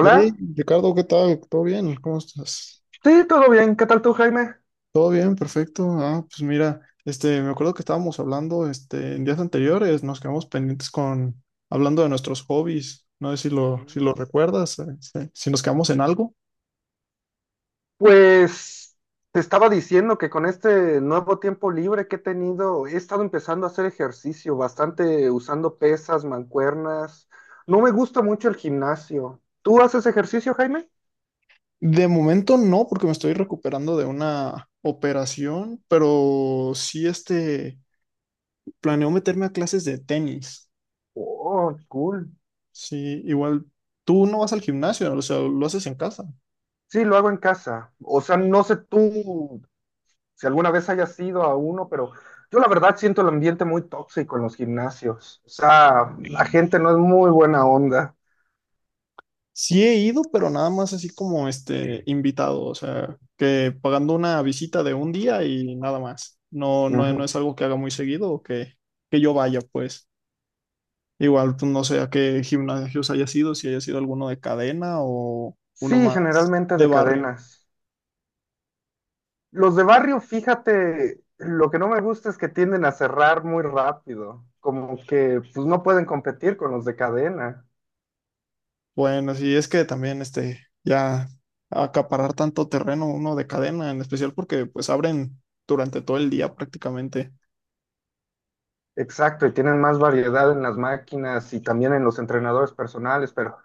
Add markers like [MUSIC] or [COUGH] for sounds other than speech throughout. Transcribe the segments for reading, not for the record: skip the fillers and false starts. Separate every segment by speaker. Speaker 1: Hey, Ricardo, ¿qué tal? ¿Todo bien? ¿Cómo estás?
Speaker 2: sí, todo bien. ¿Qué tal tú, Jaime?
Speaker 1: Todo bien, perfecto. Ah, pues mira, me acuerdo que estábamos hablando, en días anteriores, nos quedamos pendientes con hablando de nuestros hobbies. No sé si
Speaker 2: Mm,
Speaker 1: lo recuerdas, si nos quedamos en algo.
Speaker 2: Pues te estaba diciendo que con este nuevo tiempo libre que he tenido, he estado empezando a hacer ejercicio bastante usando pesas, mancuernas. No me gusta mucho el gimnasio. ¿Tú haces ejercicio, Jaime?
Speaker 1: De momento no, porque me estoy recuperando de una operación, pero sí, planeo meterme a clases de tenis.
Speaker 2: Oh, cool.
Speaker 1: Sí, igual tú no vas al gimnasio, o sea, lo haces en casa.
Speaker 2: Sí, lo hago en casa. O sea, no sé tú si alguna vez hayas ido a uno, pero yo la verdad siento el ambiente muy tóxico en los gimnasios. O sea, la gente no es muy buena onda.
Speaker 1: Sí he ido, pero nada más así como este invitado, o sea, que pagando una visita de un día y nada más. No, no, no es
Speaker 2: Ujú.
Speaker 1: algo que haga muy seguido que yo vaya, pues. Igual, pues, no sé a qué gimnasios haya sido, si haya sido alguno de cadena o uno
Speaker 2: Sí,
Speaker 1: más
Speaker 2: generalmente
Speaker 1: de
Speaker 2: de
Speaker 1: barrio.
Speaker 2: cadenas. Los de barrio, fíjate, lo que no me gusta es que tienden a cerrar muy rápido, como que pues no pueden competir con los de cadena.
Speaker 1: Bueno, sí, es que también ya acaparar tanto terreno uno de cadena, en especial porque pues abren durante todo el día prácticamente.
Speaker 2: Exacto, y tienen más variedad en las máquinas y también en los entrenadores personales, pero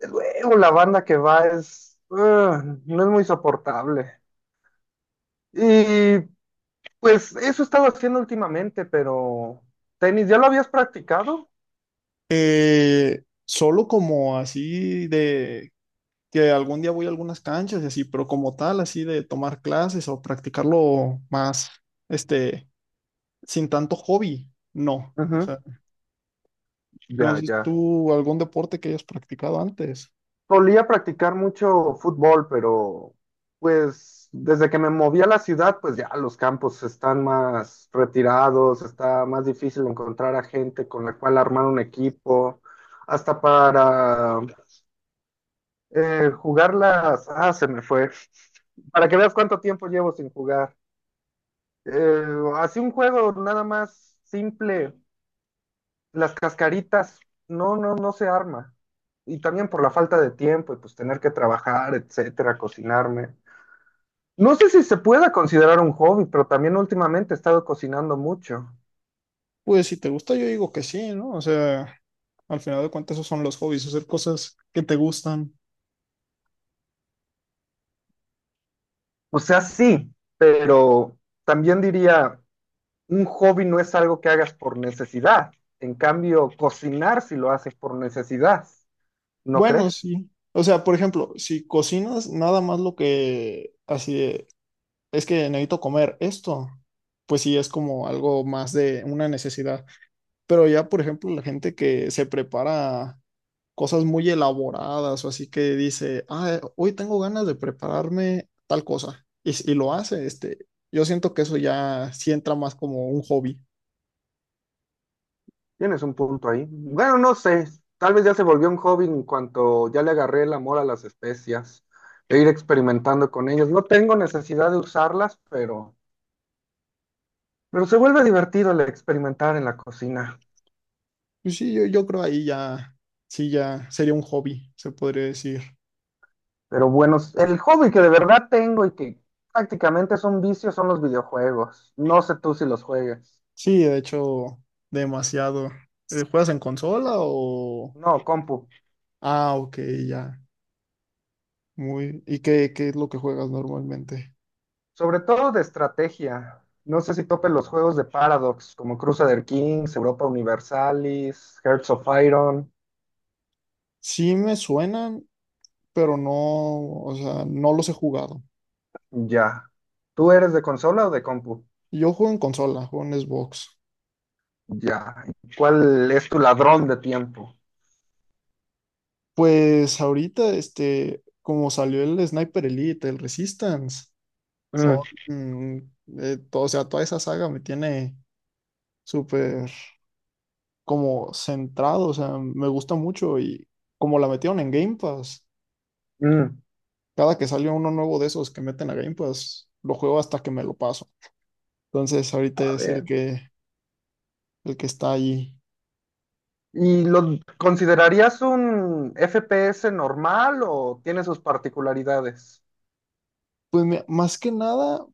Speaker 2: luego la banda que va es, ugh, no es muy soportable. Y pues eso he estado haciendo últimamente, pero tenis, ¿ya lo habías practicado?
Speaker 1: Eh, Solo como así de que algún día voy a algunas canchas y así, pero como tal, así de tomar clases o practicarlo más, este, sin tanto hobby, no. O
Speaker 2: Ujú.
Speaker 1: sea, no
Speaker 2: Ya,
Speaker 1: sé
Speaker 2: ya.
Speaker 1: tú algún deporte que hayas practicado antes.
Speaker 2: Solía practicar mucho fútbol, pero pues desde que me moví a la ciudad, pues ya los campos están más retirados, está más difícil encontrar a gente con la cual armar un equipo, hasta para jugar las... Ah, se me fue. Para que veas cuánto tiempo llevo sin jugar. Eh, Así un juego nada más simple. Las cascaritas, no, no, no se arma. Y también por la falta de tiempo y pues tener que trabajar, etcétera, cocinarme. No sé si se pueda considerar un hobby, pero también últimamente he estado cocinando mucho.
Speaker 1: Pues si te gusta, yo digo que sí, ¿no? O sea, al final de cuentas, esos son los hobbies, hacer cosas que te gustan.
Speaker 2: O sea, sí, pero también diría, un hobby no es algo que hagas por necesidad. En cambio, cocinar si lo haces por necesidad, ¿no
Speaker 1: Bueno,
Speaker 2: crees?
Speaker 1: sí. O sea, por ejemplo, si cocinas nada más lo que así es que necesito comer esto, pues sí es como algo más de una necesidad. Pero ya, por ejemplo, la gente que se prepara cosas muy elaboradas o así que dice, ah, hoy tengo ganas de prepararme tal cosa y lo hace, yo siento que eso ya sí entra más como un hobby.
Speaker 2: Tienes un punto ahí. Bueno, no sé, tal vez ya se volvió un hobby en cuanto ya le agarré el amor a las especias e ir experimentando con ellas. No tengo necesidad de usarlas, pero se vuelve divertido el experimentar en la cocina.
Speaker 1: Pues sí, yo creo ahí ya, sí, ya sería un hobby, se podría decir.
Speaker 2: Pero bueno, el hobby que de verdad tengo y que prácticamente es un vicio son los videojuegos. No sé tú si los juegas.
Speaker 1: Sí, de hecho, demasiado. ¿Juegas en consola o...?
Speaker 2: No, compu.
Speaker 1: Ah, ok, ya. Muy, ¿y qué es lo que juegas normalmente?
Speaker 2: Sobre todo de estrategia. No sé si topes los juegos de Paradox, como Crusader Kings, Europa Universalis, Hearts of Iron.
Speaker 1: Sí me suenan, pero no, o sea, no los he jugado.
Speaker 2: Ya. ¿Tú eres de consola o de compu?
Speaker 1: Yo juego en consola, juego en Xbox.
Speaker 2: Ya. ¿Cuál es tu ladrón de tiempo?
Speaker 1: Pues ahorita, como salió el Sniper Elite, el Resistance,
Speaker 2: Mm.
Speaker 1: son, o sea, toda esa saga me tiene súper como centrado, o sea, me gusta mucho y como la metieron en Game Pass,
Speaker 2: Mm.
Speaker 1: cada que sale uno nuevo de esos que meten a Game Pass, lo juego hasta que me lo paso. Entonces, ahorita
Speaker 2: A
Speaker 1: es
Speaker 2: ver.
Speaker 1: el que está allí.
Speaker 2: ¿Y lo considerarías un FPS normal o tiene sus particularidades?
Speaker 1: Pues mi- más que nada,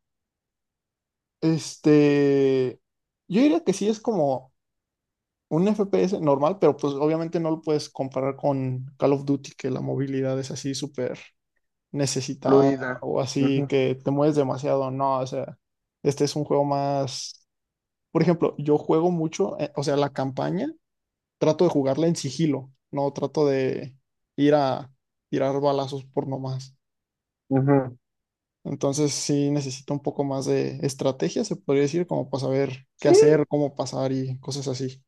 Speaker 1: este, yo diría que sí es como un FPS normal, pero pues obviamente no lo puedes comparar con Call of Duty, que la movilidad es así súper necesitada
Speaker 2: Fluida.
Speaker 1: o así
Speaker 2: Ujú,
Speaker 1: que te mueves demasiado. No, o sea, este es un juego más, por ejemplo, yo juego mucho, o sea, la campaña, trato de jugarla en sigilo, no trato de ir a tirar balazos por nomás.
Speaker 2: ujú.
Speaker 1: Entonces sí necesita un poco más de estrategia, se podría decir, como para saber qué
Speaker 2: Sí,
Speaker 1: hacer, cómo pasar y cosas así.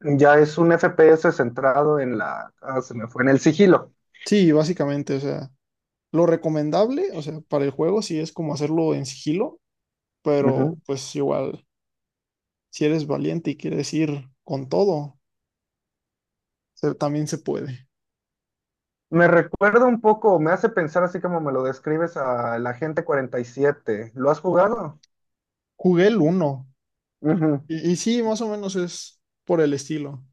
Speaker 2: ya es un FPS centrado en la... ah, se me fue, en el sigilo.
Speaker 1: Sí, básicamente, o sea, lo recomendable, o sea, para el juego sí es como hacerlo en sigilo, pero
Speaker 2: Ujú.
Speaker 1: pues igual, si eres valiente y quieres ir con todo, se- también se puede.
Speaker 2: Me recuerda un poco, me hace pensar así como me lo describes a la Agente Cuarenta y Siete. ¿Lo has jugado?
Speaker 1: Jugué el uno
Speaker 2: Ujú.
Speaker 1: y sí, más o menos es por el estilo,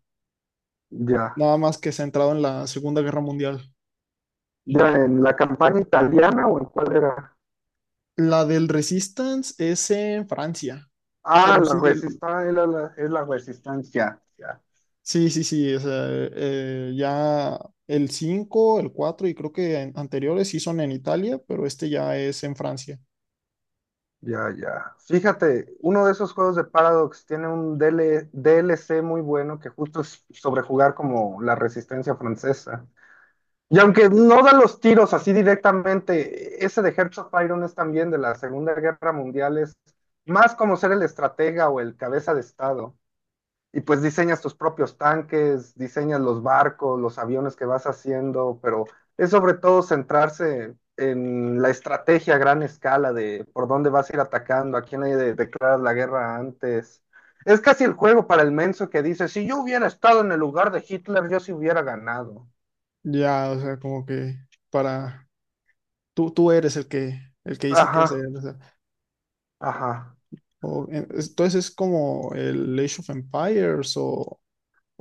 Speaker 2: Ya.
Speaker 1: nada más que centrado en la Segunda Guerra Mundial.
Speaker 2: Ya, ¿en la campaña italiana o en cuál era?
Speaker 1: La del Resistance es en Francia,
Speaker 2: Ah,
Speaker 1: pero
Speaker 2: la
Speaker 1: sí,
Speaker 2: resistencia, es la resistencia. Ya,
Speaker 1: Sí, sí, sí, o sea, ya el 5 el 4 y creo que an- anteriores sí son en Italia, pero este ya es en Francia.
Speaker 2: ya, ya. Fíjate, uno de esos juegos de Paradox tiene un DL DLC muy bueno que justo es sobre jugar como la resistencia francesa. Y aunque no da los tiros así directamente, ese de Hearts of Iron es también de la Segunda Guerra Mundial, es más como ser el estratega o el cabeza de Estado. Y pues diseñas tus propios tanques, diseñas los barcos, los aviones que vas haciendo, pero es sobre todo centrarse en la estrategia a gran escala de por dónde vas a ir atacando, a quién le declaras la guerra antes. Es casi el juego para el menso que dice, si yo hubiera estado en el lugar de Hitler, yo sí hubiera ganado.
Speaker 1: Ya, o sea, como que para tú eres el que dice qué hacer,
Speaker 2: Ajá,
Speaker 1: o sea,
Speaker 2: ajá.
Speaker 1: o- en- es- entonces es como el Age of Empires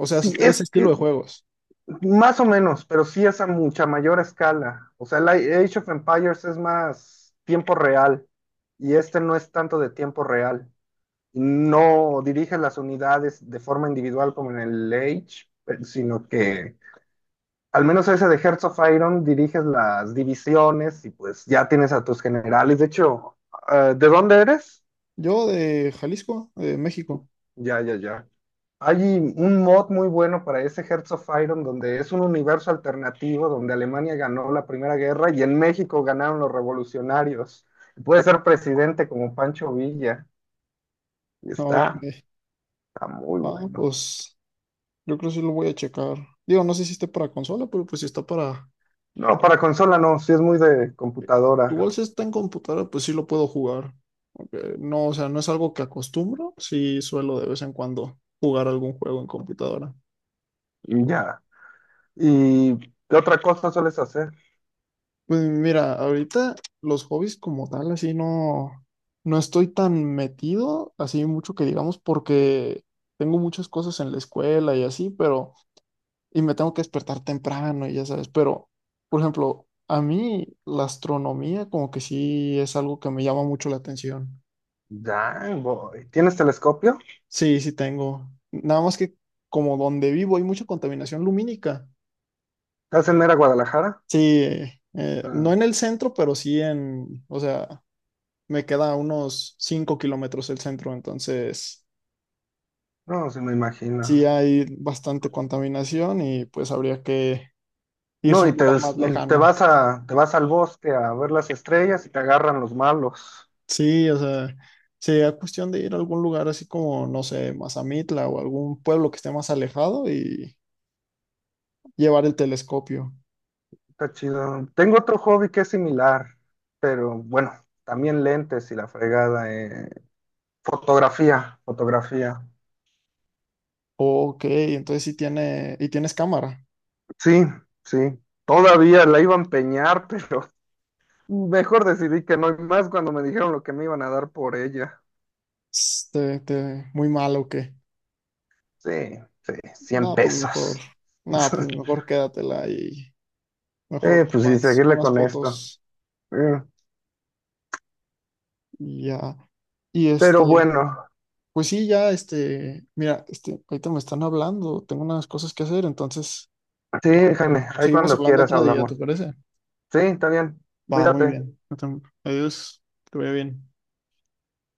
Speaker 1: o sea,
Speaker 2: Sí,
Speaker 1: es- ese
Speaker 2: es
Speaker 1: estilo
Speaker 2: que
Speaker 1: de juegos.
Speaker 2: más o menos, pero sí es a mucha mayor escala. O sea, el Age of Empires es más tiempo real y este no es tanto de tiempo real. No dirige las unidades de forma individual como en el Age, sino que al menos ese de Hearts of Iron diriges las divisiones y pues ya tienes a tus generales. De hecho, ¿de dónde eres?
Speaker 1: Yo de Jalisco, de México.
Speaker 2: Ya, ya, ya. Hay un mod muy bueno para ese Hearts of Iron, donde es un universo alternativo, donde Alemania ganó la Primera Guerra y en México ganaron los revolucionarios. Puede ser presidente como Pancho Villa. Y
Speaker 1: Ok.
Speaker 2: está, está muy
Speaker 1: Ah,
Speaker 2: bueno.
Speaker 1: pues yo creo que sí lo voy a checar. Digo, no sé si esté para consola, pero pues si está para
Speaker 2: No, para consola no, sí es muy de
Speaker 1: igual
Speaker 2: computadora.
Speaker 1: si está en computadora, pues sí lo puedo jugar. No, o sea, no es algo que acostumbro, sí suelo de vez en cuando jugar algún juego en computadora.
Speaker 2: Y ya. ¿Y qué otra cosa sueles hacer?
Speaker 1: Pues mira, ahorita los hobbies como tal, así no, no estoy tan metido, así mucho que digamos, porque tengo muchas cosas en la escuela y así, pero, y me tengo que despertar temprano y ya sabes, pero, por ejemplo, a mí la astronomía como que sí es algo que me llama mucho la atención.
Speaker 2: Ya, voy. ¿Tienes telescopio?
Speaker 1: Sí, sí tengo. Nada más que como donde vivo hay mucha contaminación lumínica.
Speaker 2: ¿Estás en Mera Guadalajara?
Speaker 1: Sí, no
Speaker 2: Ah,
Speaker 1: en el centro, pero sí en, o sea, me queda a unos 5 kilómetros el centro, entonces
Speaker 2: no, sí me
Speaker 1: sí
Speaker 2: imagino.
Speaker 1: hay bastante contaminación y pues habría que irse
Speaker 2: No,
Speaker 1: a un lugar más lejano.
Speaker 2: te vas al bosque a ver las estrellas y te agarran los malos.
Speaker 1: Sí, o sea, sería cuestión de ir a algún lugar así como, no sé, Mazamitla o algún pueblo que esté más alejado y llevar el telescopio.
Speaker 2: Está chido. Tengo otro hobby que es similar, pero bueno, también lentes y la fregada. Fotografía, fotografía.
Speaker 1: Ok, entonces sí tiene, y tienes cámara.
Speaker 2: Sí, sí. Todavía la iba a empeñar, pero [LAUGHS] mejor decidí que no, y más cuando me dijeron lo que me iban a dar por ella.
Speaker 1: Muy malo, ok.
Speaker 2: Sí, sí, 100
Speaker 1: No, pues mejor.
Speaker 2: pesos.
Speaker 1: No, pues
Speaker 2: [LAUGHS]
Speaker 1: mejor quédatela y mejor
Speaker 2: Pues sí,
Speaker 1: tomas
Speaker 2: seguirle
Speaker 1: unas
Speaker 2: con esto.
Speaker 1: fotos
Speaker 2: Eh,
Speaker 1: y ya. Y
Speaker 2: pero
Speaker 1: este,
Speaker 2: bueno.
Speaker 1: pues sí, ya, mira, ahorita me están hablando, tengo unas cosas que hacer, entonces yo
Speaker 2: Sí,
Speaker 1: creo que
Speaker 2: Jaime, ahí
Speaker 1: seguimos
Speaker 2: cuando
Speaker 1: hablando
Speaker 2: quieras
Speaker 1: otro día, ¿te
Speaker 2: hablamos.
Speaker 1: parece?
Speaker 2: Sí, está bien.
Speaker 1: Va, muy
Speaker 2: Cuídate.
Speaker 1: bien. Adiós, que vaya bien.